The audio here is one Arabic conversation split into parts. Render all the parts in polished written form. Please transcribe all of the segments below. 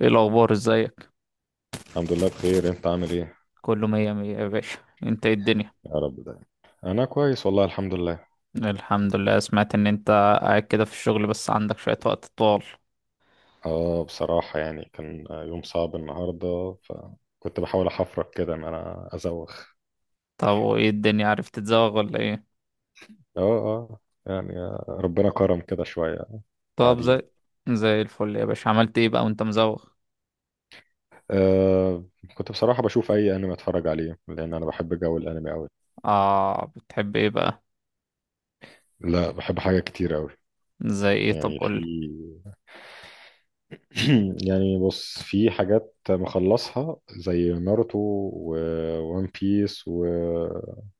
ايه الاخبار؟ ازيك؟ الحمد لله بخير، انت عامل ايه؟ كله مية مية يا باشا. انت، ايه الدنيا؟ يا رب دايما. انا كويس والله، الحمد لله. الحمد لله. سمعت ان انت قاعد كده في الشغل بس عندك شوية وقت طوال. اه، بصراحة يعني كان يوم صعب النهاردة، فكنت بحاول احفرك كده ان انا ازوخ. طب وايه الدنيا، عرفت تتزوغ ولا ايه؟ اه، اه، يعني ربنا كرم كده شوية. طب قاعدين. زي الفل يا باشا. عملت ايه بقى وانت مزوغ؟ آه كنت بصراحة بشوف اي انمي اتفرج عليه، لان انا بحب جو الانمي قوي. اه، بتحب ايه بقى؟ لا، بحب حاجات كتير قوي. زي ايه؟ طب يعني قولي. يعني بص، في حاجات مخلصها زي ناروتو وون بيس وسولو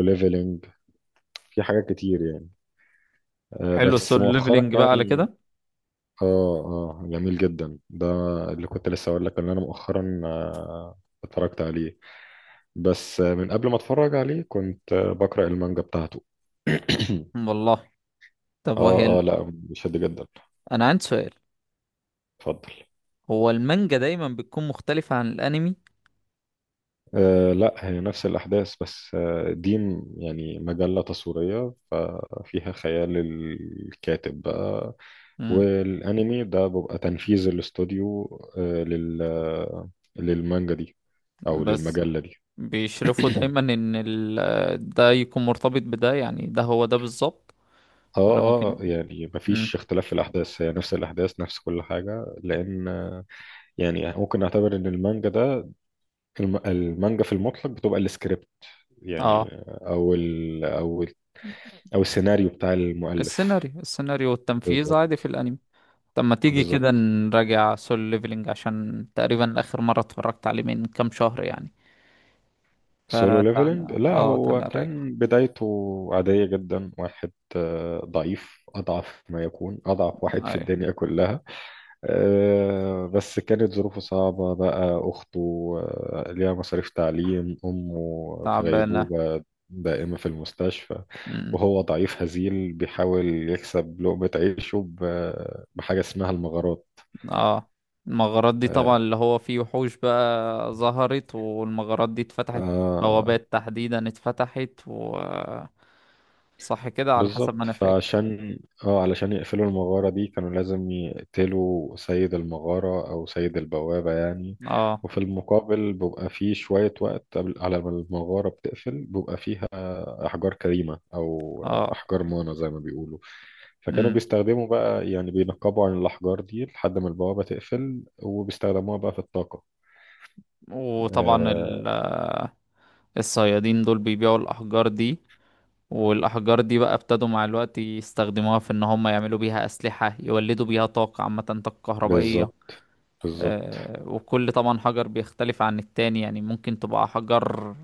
ليفلنج. في حاجات كتير يعني. حلو بس السول مؤخرا ليفلينج بقى على يعني. كده. اه، اه، جميل جدا ده. اللي كنت لسه اقول لك ان انا مؤخرا اتفرجت عليه، بس من قبل ما اتفرج عليه كنت بقرأ المانجا بتاعته. والله. طب وهي اه، اه، لا بيشد جدا. انا عندي سؤال. اتفضل. هو المانجا دايما بتكون مختلفة عن الانمي؟ آه، لا هي نفس الأحداث، بس دي يعني مجلة تصويرية، ففيها خيال الكاتب بقى. امم. والانمي ده بيبقى تنفيذ الاستوديو آه، لل آه، للمانجا دي او بس للمجلة دي. بيشرفوا دايما ان ده يكون مرتبط بده، يعني ده هو ده بالظبط، ولا اه، ممكن؟ اه، يعني مم. مفيش اختلاف في الاحداث، هي نفس الاحداث، نفس كل حاجه، لان يعني ممكن نعتبر ان المانجا ده، المانجا في المطلق بتبقى السكريبت، يعني اه، او السيناريو بتاع المؤلف. السيناريو والتنفيذ بالظبط. عادي في الانمي. طب ما تيجي كده بالظبط. نراجع سول ليفلينج، عشان تقريبا اخر مرة اتفرجت عليه من كام شهر يعني. سولو فتعال ليفلنج، لا اه تعال هو نراجع. كان بدايته عادية جدا، واحد ضعيف، أضعف ما يكون، أضعف واحد في ايوه. الدنيا كلها. بس كانت ظروفه صعبة بقى، أخته ليها مصاريف تعليم، أمه في تعبانة. غيبوبة دائمة في المستشفى. مم. وهو ضعيف هزيل بيحاول يكسب لقمة عيشه بحاجة اسمها المغارات. اه. المغارات دي آه، طبعا اللي هو فيه وحوش بقى ظهرت، والمغارات دي اتفتحت. آه، بوابات تحديدا اتفتحت صح كده على حسب ما بالظبط. انا فاكر. فعشان اه علشان يقفلوا المغارة دي كانوا لازم يقتلوا سيد المغارة أو سيد البوابة يعني. اه. وفي المقابل بيبقى فيه شوية وقت قبل على ما المغارة بتقفل، بيبقى فيها أحجار كريمة أو اه. أحجار مانا زي ما بيقولوا. فكانوا امم. بيستخدموا بقى، يعني بينقبوا عن الأحجار دي لحد ما البوابة تقفل، وبيستخدموها بقى في الطاقة. وطبعا آه، الصيادين دول بيبيعوا الاحجار دي، والاحجار دي بقى ابتدوا مع الوقت يستخدموها في ان هم يعملوا بيها اسلحة، يولدوا بيها طاقة عامة، طاقة كهربائية. بالظبط. بالظبط. وكل طبعا حجر بيختلف عن التاني، يعني ممكن تبقى حجر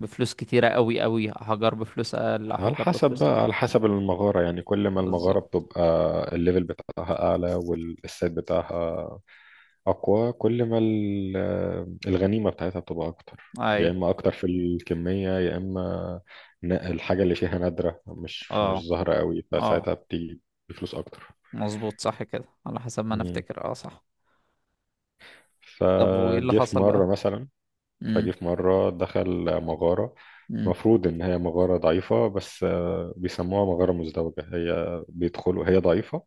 بفلوس كتيرة قوي قوي، حجر بفلوس أقل، على حجر حسب بفلوس أقل. بقى، على حسب المغارة، يعني كل ما المغارة بالظبط. بتبقى الليفل بتاعها أعلى والسيت بتاعها أقوى، كل ما الغنيمة بتاعتها بتبقى أكتر. يا أيوة. إما أكتر في الكمية، يا إما الحاجة اللي فيها نادرة، مش اه، ظاهرة قوي، اه. فساعتها بتيجي بفلوس أكتر. مظبوط، صح كده على حسب ما أنا مم. أفتكر، اه، صح. طب وإيه اللي فجه في حصل بقى؟ مرة مثلا امم. فجه في مرة دخل مغارة. امم. مفروض إن هي مغارة ضعيفة، بس بيسموها مغارة مزدوجة، هي بيدخلوا، هي ضعيفة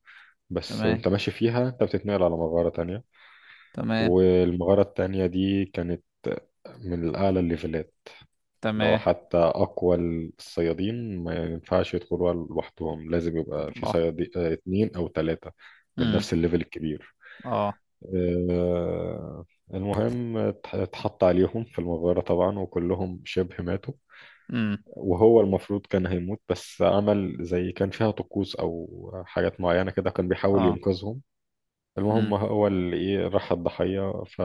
بس، تمام. وانت ماشي فيها انت بتتنقل على مغارة تانية. تمام. والمغارة التانية دي كانت من أعلى الليفلات، لو تمام. حتى أقوى الصيادين ما ينفعش يدخلوها لوحدهم، لازم يبقى في والله. صيادين اتنين أو تلاتة من امم. نفس الليفل الكبير. اه. آه، المهم اتحط عليهم في المغارة طبعا وكلهم شبه ماتوا. امم. وهو المفروض كان هيموت، بس عمل زي، كان فيها طقوس أو حاجات معينة كده، كان بيحاول اه. ينقذهم. امم. المهم هو اللي ايه راح الضحية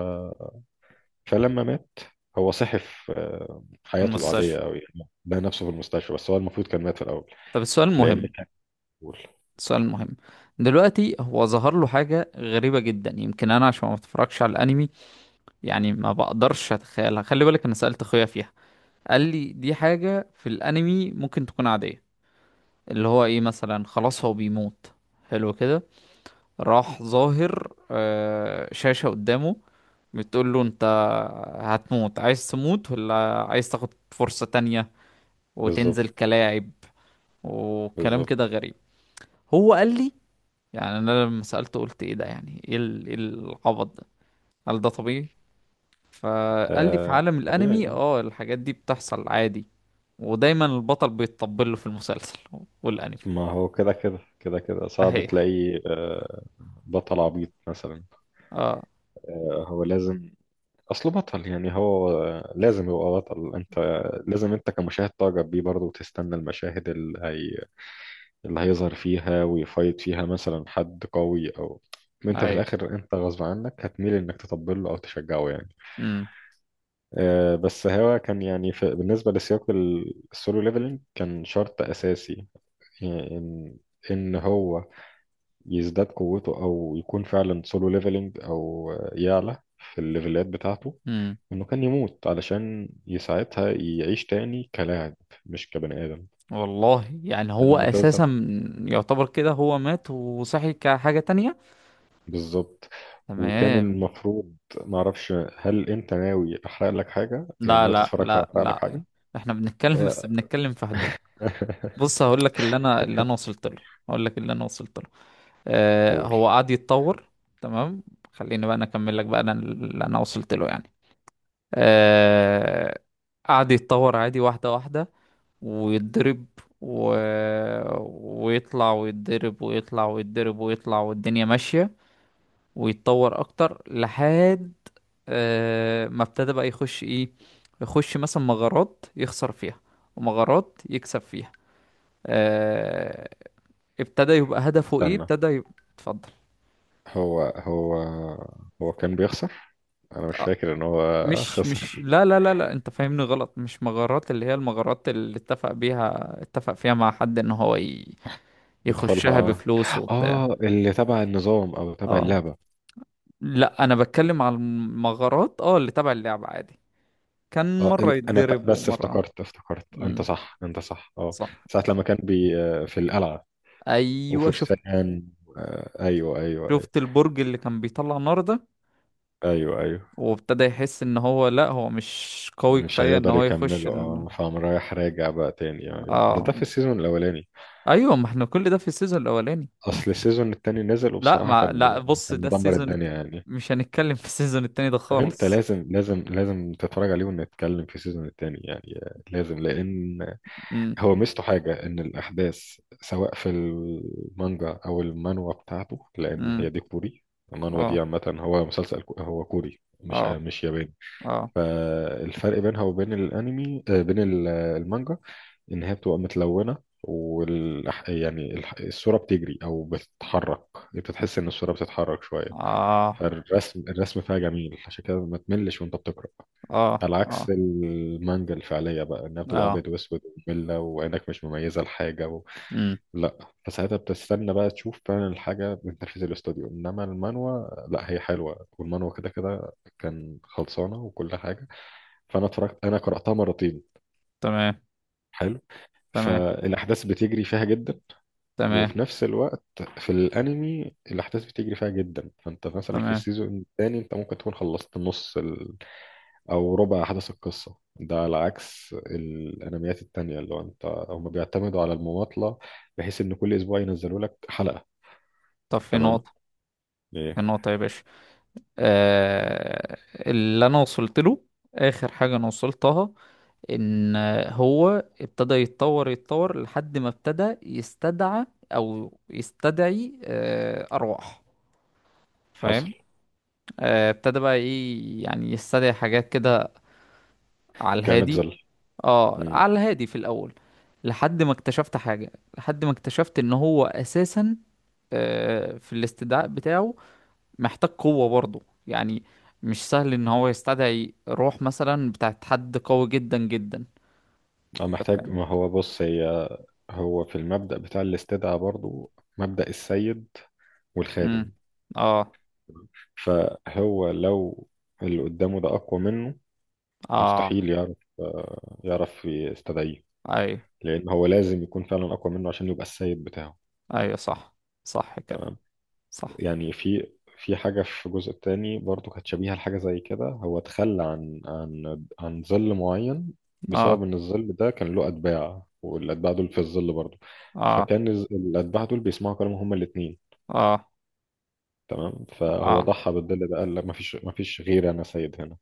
فلما مات، هو صحي في في حياته العادية المستشفى. أوي، يعني لقى نفسه في المستشفى، بس هو المفروض كان مات في الأول طب السؤال لأن المهم. كان أول. السؤال المهم دلوقتي، هو ظهر له حاجة غريبة جدا. يمكن أنا عشان ما بتفرجش على الأنمي، يعني ما بقدرش اتخيلها. خلي بالك انا سألت اخويا فيها، قال لي دي حاجة في الانمي ممكن تكون عادية. اللي هو ايه مثلا، خلاص هو بيموت، حلو كده. راح ظاهر شاشة قدامه، بتقول له انت هتموت، عايز تموت ولا عايز تاخد فرصة تانية وتنزل بالظبط. كلاعب، وكلام كده بالظبط. غريب. هو قال لي، يعني انا لما سألته قلت ايه ده، يعني ايه إيه العبط ده؟ هل ده طبيعي؟ فقال لي في آه، عالم طبيعي، الانمي اه. الحاجات دي بتحصل عادي. ودايما البطل بيتطبل له في المسلسل والانمي. ما هو كده كده كده كده صعب اهي. تلاقي بطل عبيط مثلا. اه. هو لازم أصله بطل، يعني هو لازم يبقى بطل. أنت لازم، أنت كمشاهد تعجب بيه برضه وتستنى المشاهد اللي هيظهر فيها ويفايت فيها مثلا حد قوي، او انت في اهي. الاخر انت غصب عنك هتميل انك تطبل له او تشجعه يعني. امم. بس هو كان يعني في بالنسبه لسياق السولو ليفلينج كان شرط اساسي، يعني ان هو يزداد قوته او يكون فعلا سولو ليفلينج او يعلى في الليفلات بتاعته، امم. انه كان يموت علشان يساعدها يعيش تاني كلاعب، مش كبني ادم والله، يعني هو لان. اساسا يعتبر كده هو مات وصحي كحاجة تانية. بالظبط. وكان تمام. المفروض معرفش، هل انت ناوي احرق لك حاجه؟ يعني لا، ناوي لا، تتفرج لا، فاحرق لك لا، حاجه؟ احنا بنتكلم، بس آه، بنتكلم في حدود. بص هقول لك اللي انا وصلت له. هقول لك اللي انا وصلت له. آه، قول. هو قعد يتطور. تمام. خليني بقى انا اكمل لك بقى انا اللي انا وصلت له يعني. آه، قعد يتطور عادي، واحدة واحدة، ويتضرب و... ويطلع ويتضرب ويطلع ويتضرب ويطلع والدنيا ماشية، ويتطور أكتر لحد ما ابتدى بقى يخش إيه. يخش مثلا مغارات يخسر فيها ومغارات يكسب فيها. آه، ابتدى يبقى هدفه إيه، استنى. ابتدى يبقى. اتفضل. هو هو هو كان بيخسر؟ انا مش فاكر ان هو مش مش خسر. لا، لا، لا، لا، انت فاهمني غلط. مش مغارات، اللي هي المغارات اللي اتفق فيها مع حد ان هو يخشها يدخلها، بفلوس اه، وبتاع. اللي تبع النظام او تبع اه، اللعبه. لا، انا بتكلم على المغارات اللي تبع اللعبة عادي. كان اه، مرة انا يتضرب بس ومرة. افتكرت، انت امم. صح انت صح، اه. صح. ساعه لما كان بي آه، في القلعه ايوه، شفت وفرسان. ايوه، ايوه، ايوه. شفت البرج اللي كان بيطلع نار ده. ايوه، ايوه. وابتدى يحس ان هو لا، هو مش قوي مش كفاية ان هيقدر هو يخش يكمله، فقام رايح راجع بقى تاني. ايوه، اه. ده في السيزون الاولاني. ايوه ما احنا كل ده في السيزون الاولاني. اصل السيزون التاني نزل لا، وبصراحه ما لا، بص كان ده مدمر السيزون الدنيا يعني. مش هنتكلم في السيزون التاني ده طب انت خالص. لازم لازم لازم تتفرج عليه ونتكلم في السيزون التاني، يعني لازم، لان امم. هو ميزته حاجه ان الاحداث سواء في المانجا او المانوا بتاعته، لان امم. هي دي كوري. المانوا دي اه. عامه، هو مسلسل كو- هو كوري، مش اه. ياباني. اه. فالفرق بينها وبين الانمي، بين المانجا، ان هي بتبقى متلونه. يعني الصوره بتجري او بتتحرك، انت بتحس ان الصوره بتتحرك شويه. اه. الرسم فيها جميل، عشان كده ما تملش وانت بتقرا. اه. على عكس اه. المانجا الفعليه بقى، انها بتبقى اه. ابيض واسود. وممله وعينك مش مميزه لحاجه امم. لا، فساعتها بتستنى بقى تشوف فعلا الحاجه من تنفيذ الاستوديو، انما المانوا لا هي حلوه، والمانوا كده كده كان خلصانه وكل حاجه. فانا اتفرجت، انا قراتها مرتين. تمام. حلو. تمام. فالاحداث بتجري فيها جدا، تمام. وفي نفس الوقت في الانمي الاحداث بتجري فيها جدا. فانت مثلا في تمام. السيزون الثاني انت ممكن تكون خلصت نص او ربع احداث القصه، ده على عكس الانميات التانية، اللي هو هم بيعتمدوا على المماطله، بحيث ان كل اسبوع ينزلوا لك حلقه. طب في تمام. نقطة. ايه في نقطة يا باشا. آه اللي انا وصلت له، اخر حاجة انا وصلتها، ان هو ابتدى يتطور يتطور لحد ما ابتدى يستدعى او يستدعي ارواح. حصل؟ فاهم؟ ابتدى بقى ايه يعني يستدعي حاجات كده على كانت الهادي. زل اه، امم على الهادي في الاول. لحد ما اكتشفت حاجة، لحد ما اكتشفت ان هو اساسا في الاستدعاء بتاعه محتاج قوة برضه. يعني مش سهل ان هو يستدعي روح مثلا بتاعت حد قوي جدا جدا. أنا انت محتاج، فاهم؟ ما هو بص، هو في المبدأ بتاع الاستدعاء برضو، مبدأ السيد امم. والخادم. اه. فهو لو اللي قدامه ده أقوى منه، اه. مستحيل يعرف يستدعيه، ايوه، لان هو لازم يكون فعلا اقوى منه عشان يبقى السيد بتاعه. ايوه، صح. صح كده. تمام. صح. يعني في حاجه في الجزء الثاني برضو كانت شبيهه لحاجه زي كده، هو تخلى عن ظل معين، بسبب اه. ان الظل ده كان له اتباع، والاتباع دول في الظل برضو. اه. فكان الاتباع دول بيسمعوا كلامه، هما الاثنين. اه. تمام، فهو اه. ضحى بالظل ده، قال لا، مفيش غيري، انا سيد هنا،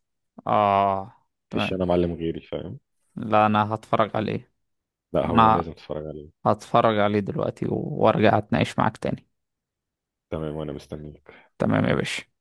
اه. مفيش تمام. انا معلم غيري، فاهم. لا، انا هتفرج عليه. لا، هو انا لازم تتفرج عليه. هتفرج عليه دلوقتي وارجع اتناقش معاك تاني. تمام وانا مستنيه. تمام يا باشا.